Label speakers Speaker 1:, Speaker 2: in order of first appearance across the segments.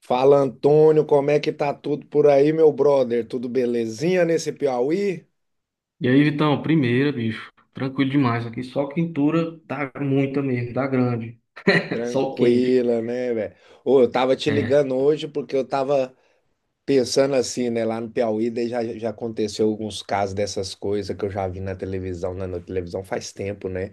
Speaker 1: Fala Antônio, como é que tá tudo por aí, meu brother? Tudo belezinha nesse Piauí?
Speaker 2: E aí, Vitão, primeira, bicho. Tranquilo demais aqui. Só quentura dá muita mesmo, dá grande. Sol quente.
Speaker 1: Tranquila, né, velho? Ô, eu tava te
Speaker 2: É.
Speaker 1: ligando hoje porque eu tava pensando assim, né, lá no Piauí, daí já aconteceu alguns casos dessas coisas que eu já vi na televisão, na televisão faz tempo, né?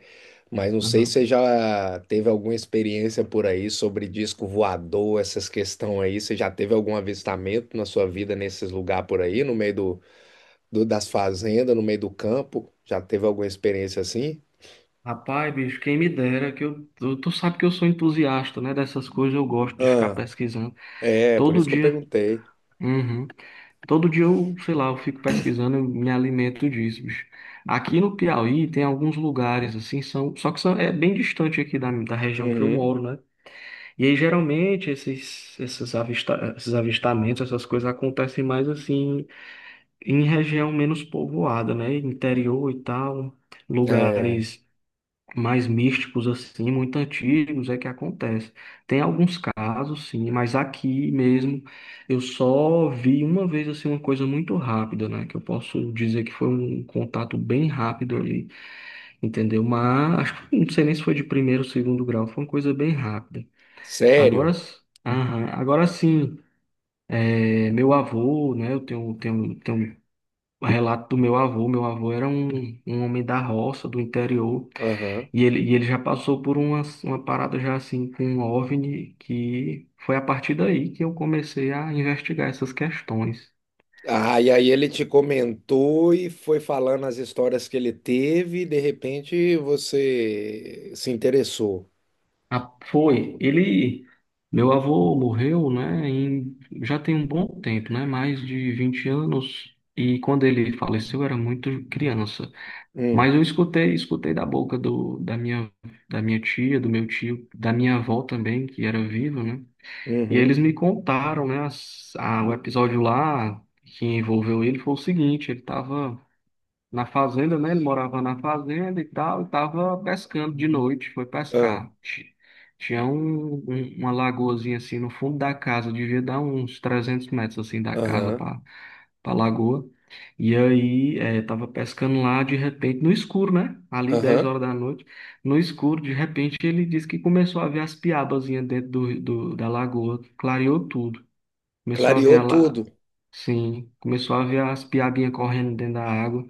Speaker 1: Mas não sei se
Speaker 2: Aham.
Speaker 1: você já teve alguma experiência por aí sobre disco voador, essas questões aí. Você já teve algum avistamento na sua vida nesses lugares por aí, no meio do das fazendas no meio do campo? Já teve alguma experiência assim?
Speaker 2: Rapaz, bicho, quem me dera que eu. Tu sabe que eu sou entusiasta, né? Dessas coisas eu gosto de ficar
Speaker 1: Ah,
Speaker 2: pesquisando.
Speaker 1: é, por
Speaker 2: Todo
Speaker 1: isso que eu
Speaker 2: dia.
Speaker 1: perguntei.
Speaker 2: Uhum. Todo dia eu, sei lá, eu fico pesquisando, eu me alimento disso, bicho. Aqui no Piauí tem alguns lugares, assim, são. Só que são, é bem distante aqui da região que eu
Speaker 1: Uhum,
Speaker 2: moro, né? E aí, geralmente, esses avistamentos, essas coisas acontecem mais assim em região menos povoada, né? Interior e tal,
Speaker 1: é,
Speaker 2: lugares mais místicos, assim, muito antigos, é que acontece. Tem alguns casos, sim, mas aqui mesmo eu só vi uma vez assim uma coisa muito rápida, né? Que eu posso dizer que foi um contato bem rápido ali, entendeu? Mas acho que não sei nem se foi de primeiro ou segundo grau, foi uma coisa bem rápida. Agora,
Speaker 1: sério?
Speaker 2: aham, agora sim, é, meu avô, né? Eu tenho um relato do meu avô. Meu avô era um homem da roça, do interior,
Speaker 1: Aham.
Speaker 2: e ele já passou por uma parada já assim com um OVNI, que foi a partir daí que eu comecei a investigar essas questões.
Speaker 1: Ah, e aí ele te comentou e foi falando as histórias que ele teve e de repente você se interessou.
Speaker 2: Ah, foi, ele, meu avô morreu, né? Já tem um bom tempo, né? Mais de 20 anos, e quando ele faleceu eu era muito criança.
Speaker 1: Hum,
Speaker 2: Mas eu escutei, escutei da boca da minha tia, do meu tio, da minha avó também, que era viva, né? E eles
Speaker 1: uhum,
Speaker 2: me contaram, né, o episódio lá que envolveu ele foi o seguinte, ele estava na fazenda, né? Ele morava na fazenda e tal, e estava pescando de noite, foi
Speaker 1: ah,
Speaker 2: pescar. Tinha uma lagoazinha assim no fundo da casa, devia dar uns 300 metros assim da casa
Speaker 1: aham,
Speaker 2: pra lagoa. E aí, é, tava pescando lá de repente, no escuro, né? Ali 10
Speaker 1: aham.
Speaker 2: horas da noite, no escuro, de repente ele disse que começou a ver as piabazinhas dentro da lagoa, clareou tudo. Começou a ver
Speaker 1: Clareou
Speaker 2: a
Speaker 1: tudo.
Speaker 2: la- Sim, começou a ver as piabinhas correndo dentro da água.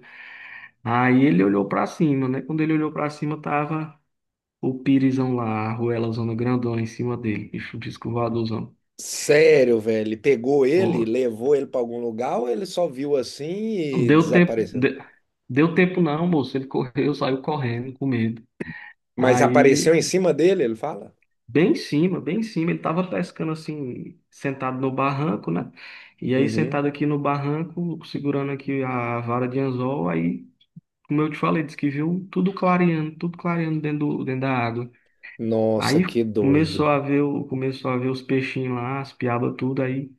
Speaker 2: Aí ele olhou pra cima, né? Quando ele olhou pra cima, tava o pirizão lá, a arruelazona grandona em cima dele, bicho disco voadorzão.
Speaker 1: Sério, velho. Pegou ele, levou ele para algum lugar ou ele só viu assim e
Speaker 2: Deu tempo,
Speaker 1: desapareceu?
Speaker 2: de- deu tempo não, moço. Ele correu, saiu correndo com medo.
Speaker 1: Mas apareceu
Speaker 2: Aí,
Speaker 1: em cima dele, ele fala?
Speaker 2: bem em cima, ele tava pescando assim, sentado no barranco, né? E aí,
Speaker 1: Uhum.
Speaker 2: sentado aqui no barranco, segurando aqui a vara de anzol, aí, como eu te falei, disse que viu tudo clareando dentro, dentro da água.
Speaker 1: Nossa,
Speaker 2: Aí
Speaker 1: que
Speaker 2: começou
Speaker 1: doido.
Speaker 2: a ver, começou a ver os peixinhos lá, as piabas, tudo aí.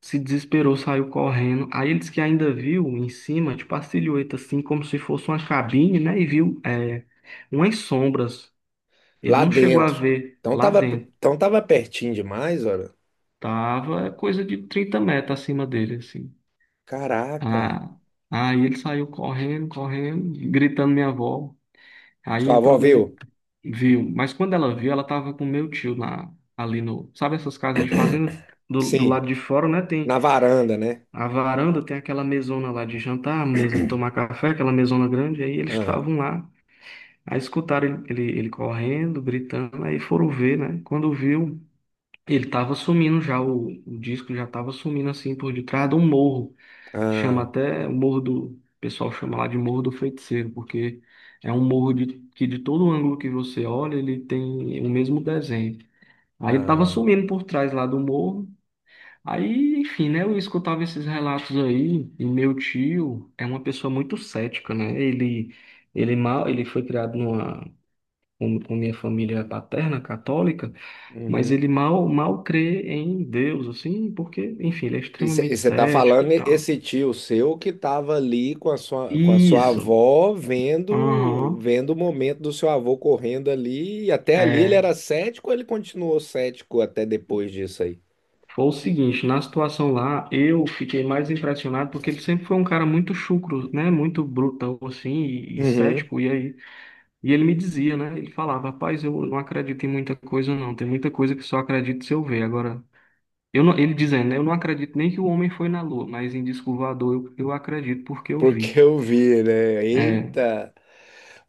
Speaker 2: Se desesperou, saiu correndo. Aí ele disse que ainda viu em cima, tipo a silhueta, assim, como se fosse uma cabine, né? E viu umas sombras. Ele
Speaker 1: Lá
Speaker 2: não chegou a
Speaker 1: dentro.
Speaker 2: ver
Speaker 1: Então
Speaker 2: lá
Speaker 1: tava,
Speaker 2: dentro.
Speaker 1: então tava pertinho demais, olha.
Speaker 2: Tava coisa de 30 metros acima dele, assim.
Speaker 1: Caraca.
Speaker 2: Ah, aí ele saiu correndo, correndo, gritando minha avó. Aí
Speaker 1: Sua avó
Speaker 2: entrou dentro
Speaker 1: viu?
Speaker 2: de... Viu. Mas quando ela viu, ela tava com meu tio ali no. Sabe essas casas de fazenda? Do
Speaker 1: Sim.
Speaker 2: lado de fora, né?
Speaker 1: Na varanda, né?
Speaker 2: A varanda tem aquela mesona lá de jantar, mesa de tomar café, aquela mesona grande. Aí eles
Speaker 1: Ah,
Speaker 2: estavam lá, aí escutaram ele correndo, gritando, aí foram ver, né? Quando viu, ele tava sumindo já, o disco já tava sumindo assim por detrás de um morro. Chama
Speaker 1: ah,
Speaker 2: até o morro do, o pessoal chama lá de Morro do Feiticeiro, porque é um morro de, que de todo ângulo que você olha, ele tem o mesmo desenho. Aí ele tava
Speaker 1: ah.
Speaker 2: sumindo por trás lá do morro. Aí, enfim, né? Eu escutava esses relatos aí, e meu tio é uma pessoa muito cética, né? Ele foi criado com minha família paterna católica, mas
Speaker 1: Uhum.
Speaker 2: ele mal, mal crê em Deus, assim, porque, enfim, ele é
Speaker 1: E
Speaker 2: extremamente
Speaker 1: você tá
Speaker 2: cético e
Speaker 1: falando
Speaker 2: tal.
Speaker 1: esse tio seu que tava ali com a sua
Speaker 2: Isso.
Speaker 1: avó vendo,
Speaker 2: Aham.
Speaker 1: vendo o momento do seu avô correndo ali. E até ali ele
Speaker 2: É.
Speaker 1: era cético, ou ele continuou cético até depois disso aí.
Speaker 2: Foi o seguinte, na situação lá, eu fiquei mais impressionado porque ele sempre foi um cara muito chucro, né? Muito brutão, assim, e,
Speaker 1: Uhum.
Speaker 2: cético. E ele me dizia, né? Ele falava, rapaz, eu não acredito em muita coisa, não. Tem muita coisa que só acredito se eu ver. Agora, eu não, ele dizendo, né? Eu não acredito nem que o homem foi na Lua, mas em disco voador eu, acredito porque eu vi.
Speaker 1: Porque eu vi, né?
Speaker 2: É,
Speaker 1: Eita!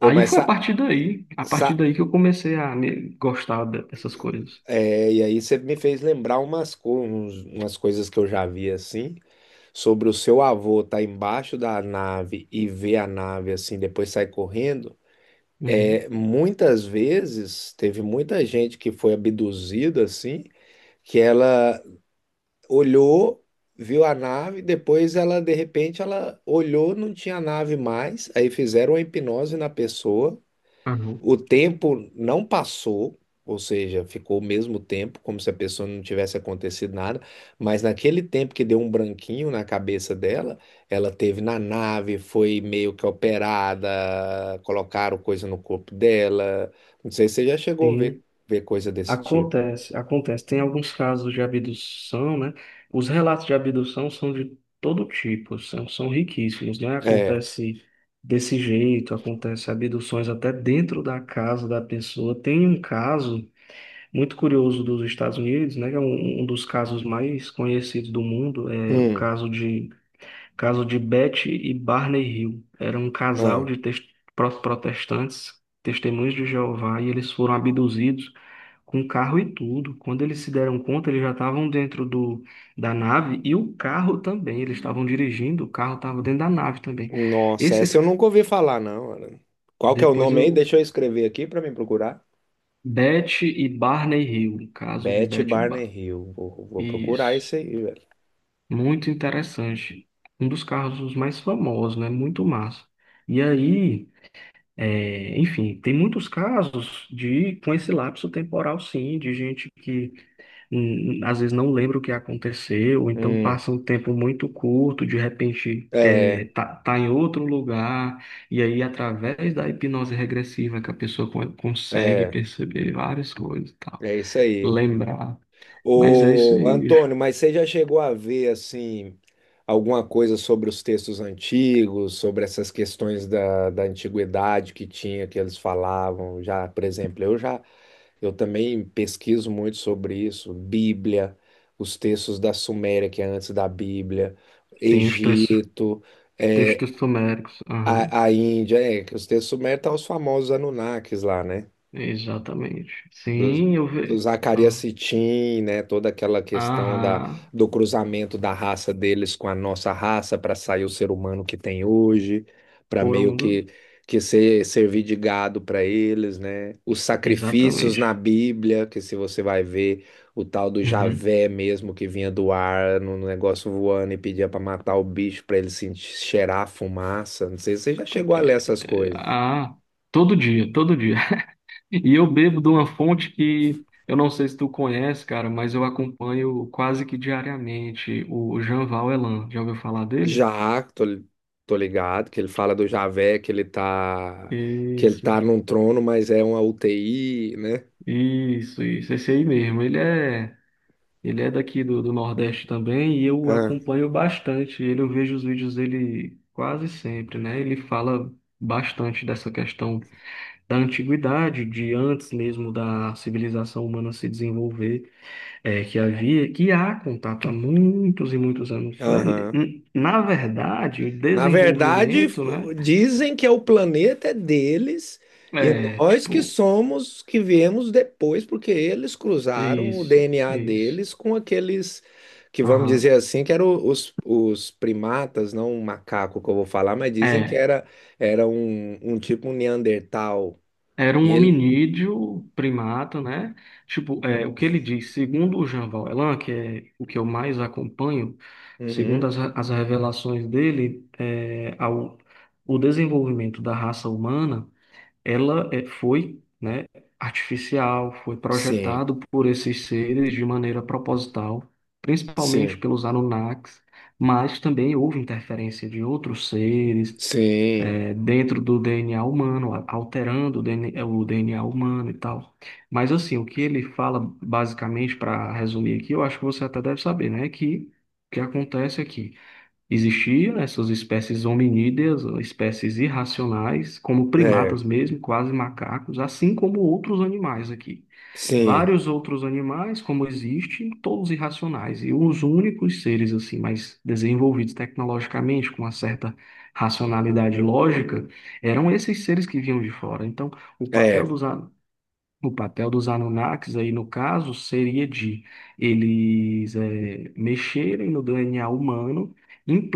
Speaker 1: Ô, mas
Speaker 2: foi a
Speaker 1: sa,
Speaker 2: partir daí, a partir
Speaker 1: sa,
Speaker 2: daí que eu comecei a gostar dessas coisas.
Speaker 1: é, e aí você me fez lembrar umas, umas coisas que eu já vi assim, sobre o seu avô estar embaixo da nave e ver a nave assim, depois sai correndo.
Speaker 2: Uhum.
Speaker 1: É, muitas vezes teve muita gente que foi abduzida assim, que ela olhou, viu a nave, depois ela de repente ela olhou, não tinha nave mais, aí fizeram a hipnose na pessoa.
Speaker 2: Aham.
Speaker 1: O tempo não passou, ou seja, ficou o mesmo tempo, como se a pessoa não tivesse acontecido nada, mas naquele tempo que deu um branquinho na cabeça dela, ela teve na nave, foi meio que operada, colocaram coisa no corpo dela. Não sei se você já chegou a
Speaker 2: Sim.
Speaker 1: ver coisa desse tipo.
Speaker 2: Acontece, acontece. Tem alguns casos de abdução, né? Os relatos de abdução são de todo tipo, são, riquíssimos, né?
Speaker 1: É.
Speaker 2: Acontece desse jeito, acontece abduções até dentro da casa da pessoa. Tem um caso muito curioso dos Estados Unidos, né? Que é um dos casos mais conhecidos do mundo, é o
Speaker 1: Hum.
Speaker 2: caso de Caso de Betty e Barney Hill. Era um casal
Speaker 1: Ah.
Speaker 2: de protestantes, testemunhas de Jeová, e eles foram abduzidos com um carro e tudo. Quando eles se deram conta, eles já estavam dentro da nave e o carro também. Eles estavam dirigindo, o carro estava dentro da nave também.
Speaker 1: Nossa, essa
Speaker 2: Esses,
Speaker 1: eu nunca ouvi falar, não. Ana. Qual que é o
Speaker 2: depois
Speaker 1: nome aí?
Speaker 2: eu,
Speaker 1: Deixa eu escrever aqui para mim procurar.
Speaker 2: Betty e Barney Hill. Caso de
Speaker 1: Beth
Speaker 2: Betty e
Speaker 1: Barney
Speaker 2: Bar...
Speaker 1: Hill. Vou procurar
Speaker 2: Isso.
Speaker 1: esse aí, velho.
Speaker 2: Muito interessante. Um dos carros mais famosos, né? Muito massa. E aí. É, enfim, tem muitos casos de com esse lapso temporal, sim, de gente que às vezes não lembra o que aconteceu, ou então
Speaker 1: Hum.
Speaker 2: passa um tempo muito curto, de repente é,
Speaker 1: É,
Speaker 2: tá, tá em outro lugar, e aí através da hipnose regressiva que a pessoa consegue
Speaker 1: é,
Speaker 2: perceber várias coisas e tal,
Speaker 1: é isso aí.
Speaker 2: lembrar. Mas é isso
Speaker 1: Ô,
Speaker 2: aí, bicho.
Speaker 1: Antônio, mas você já chegou a ver, assim, alguma coisa sobre os textos antigos, sobre essas questões da, da antiguidade que tinha, que eles falavam? Já, por exemplo, eu já, eu também pesquiso muito sobre isso, Bíblia, os textos da Suméria, que é antes da Bíblia,
Speaker 2: Tem os
Speaker 1: Egito,
Speaker 2: textos sumérios. Aham,
Speaker 1: a Índia, é, que os textos sumérios estão os famosos Anunnakis lá, né?
Speaker 2: exatamente.
Speaker 1: Do,
Speaker 2: Sim, eu
Speaker 1: do
Speaker 2: vejo.
Speaker 1: Zacarias
Speaker 2: Aham.
Speaker 1: Sitchin, né? Toda aquela questão da,
Speaker 2: Aham.
Speaker 1: do cruzamento da raça deles com a nossa raça para sair o ser humano que tem hoje, para
Speaker 2: Foram
Speaker 1: meio
Speaker 2: um
Speaker 1: que
Speaker 2: dos.
Speaker 1: que ser, servir de gado para eles, né? Os sacrifícios na
Speaker 2: Exatamente.
Speaker 1: Bíblia, que se você vai ver o tal do
Speaker 2: Uhum.
Speaker 1: Javé mesmo que vinha do ar no, no negócio voando e pedia para matar o bicho para ele sentir, cheirar a fumaça. Não sei se você já chegou a ler essas
Speaker 2: Eh,
Speaker 1: coisas.
Speaker 2: Ah, todo dia, todo dia. E eu bebo de uma fonte que eu não sei se tu conhece, cara, mas eu acompanho quase que diariamente o Jean Elan. Já ouviu falar dele?
Speaker 1: Já, tô, tô ligado, que ele fala do Javé, que ele
Speaker 2: Isso,
Speaker 1: tá num trono, mas é uma UTI, né?
Speaker 2: isso, isso. Esse aí mesmo. Ele é daqui do Nordeste também e eu
Speaker 1: Ah,
Speaker 2: acompanho bastante. Eu vejo os vídeos dele quase sempre, né? Ele fala bastante dessa questão da antiguidade, de antes mesmo da civilização humana se desenvolver, é, que havia, que há contato há muitos e muitos anos, né?
Speaker 1: aham.
Speaker 2: Na verdade, o
Speaker 1: Na verdade,
Speaker 2: desenvolvimento, né?
Speaker 1: dizem que é o planeta é deles e
Speaker 2: É,
Speaker 1: nós que
Speaker 2: tipo,
Speaker 1: somos, que viemos depois, porque eles cruzaram o
Speaker 2: isso,
Speaker 1: DNA
Speaker 2: isso.
Speaker 1: deles com aqueles que, vamos
Speaker 2: Aham.
Speaker 1: dizer assim, que eram os primatas, não o macaco que eu vou falar, mas dizem que
Speaker 2: É.
Speaker 1: era, era um, um tipo um Neandertal.
Speaker 2: Era
Speaker 1: E
Speaker 2: um
Speaker 1: ele.
Speaker 2: hominídeo, primata, né? Tipo, é, o que ele diz, segundo o Jean Valjean, que é o que eu mais acompanho, segundo
Speaker 1: Uhum.
Speaker 2: as revelações dele, o desenvolvimento da raça humana, ela é, foi, né, artificial, foi
Speaker 1: Sim,
Speaker 2: projetado por esses seres de maneira proposital, principalmente
Speaker 1: sim,
Speaker 2: pelos Anunnakis, mas também houve interferência de outros seres,
Speaker 1: sim,
Speaker 2: é, dentro do DNA humano, alterando o DNA, o DNA humano e tal. Mas assim, o que ele fala basicamente, para resumir aqui, eu acho que você até deve saber, né? Que o que acontece aqui? Existiam essas espécies hominídeas, ou espécies irracionais, como
Speaker 1: é,
Speaker 2: primatas mesmo, quase macacos, assim como outros animais aqui.
Speaker 1: sim,
Speaker 2: Vários outros animais, como existem, todos irracionais, e os únicos seres assim mais desenvolvidos tecnologicamente, com uma certa racionalidade lógica, eram esses seres que vinham de fora. Então, o papel
Speaker 1: é,
Speaker 2: dos, a- o papel dos Anunnakis aí, no caso, seria de eles mexerem no DNA humano,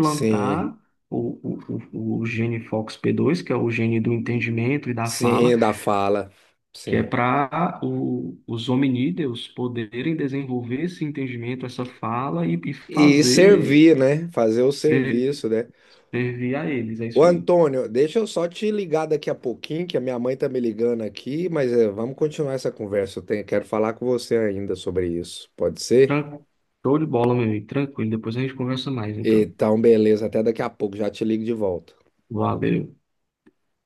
Speaker 1: sim,
Speaker 2: o, o, o gene FOXP2, que é o gene do entendimento e da fala,
Speaker 1: sim, da fala,
Speaker 2: que é
Speaker 1: sim.
Speaker 2: para os hominídeos poderem desenvolver esse entendimento, essa fala e,
Speaker 1: E
Speaker 2: fazer
Speaker 1: servir, né? Fazer o serviço,
Speaker 2: ser-
Speaker 1: né?
Speaker 2: servir a eles. É
Speaker 1: Ô
Speaker 2: isso aí.
Speaker 1: Antônio, deixa eu só te ligar daqui a pouquinho, que a minha mãe tá me ligando aqui, mas é, vamos continuar essa conversa. Eu tenho- quero falar com você ainda sobre isso, pode ser?
Speaker 2: Tran- Show de bola, meu amigo. Tranquilo. Depois a gente conversa mais, então.
Speaker 1: Então, beleza, até daqui a pouco, já te ligo de volta.
Speaker 2: Valeu.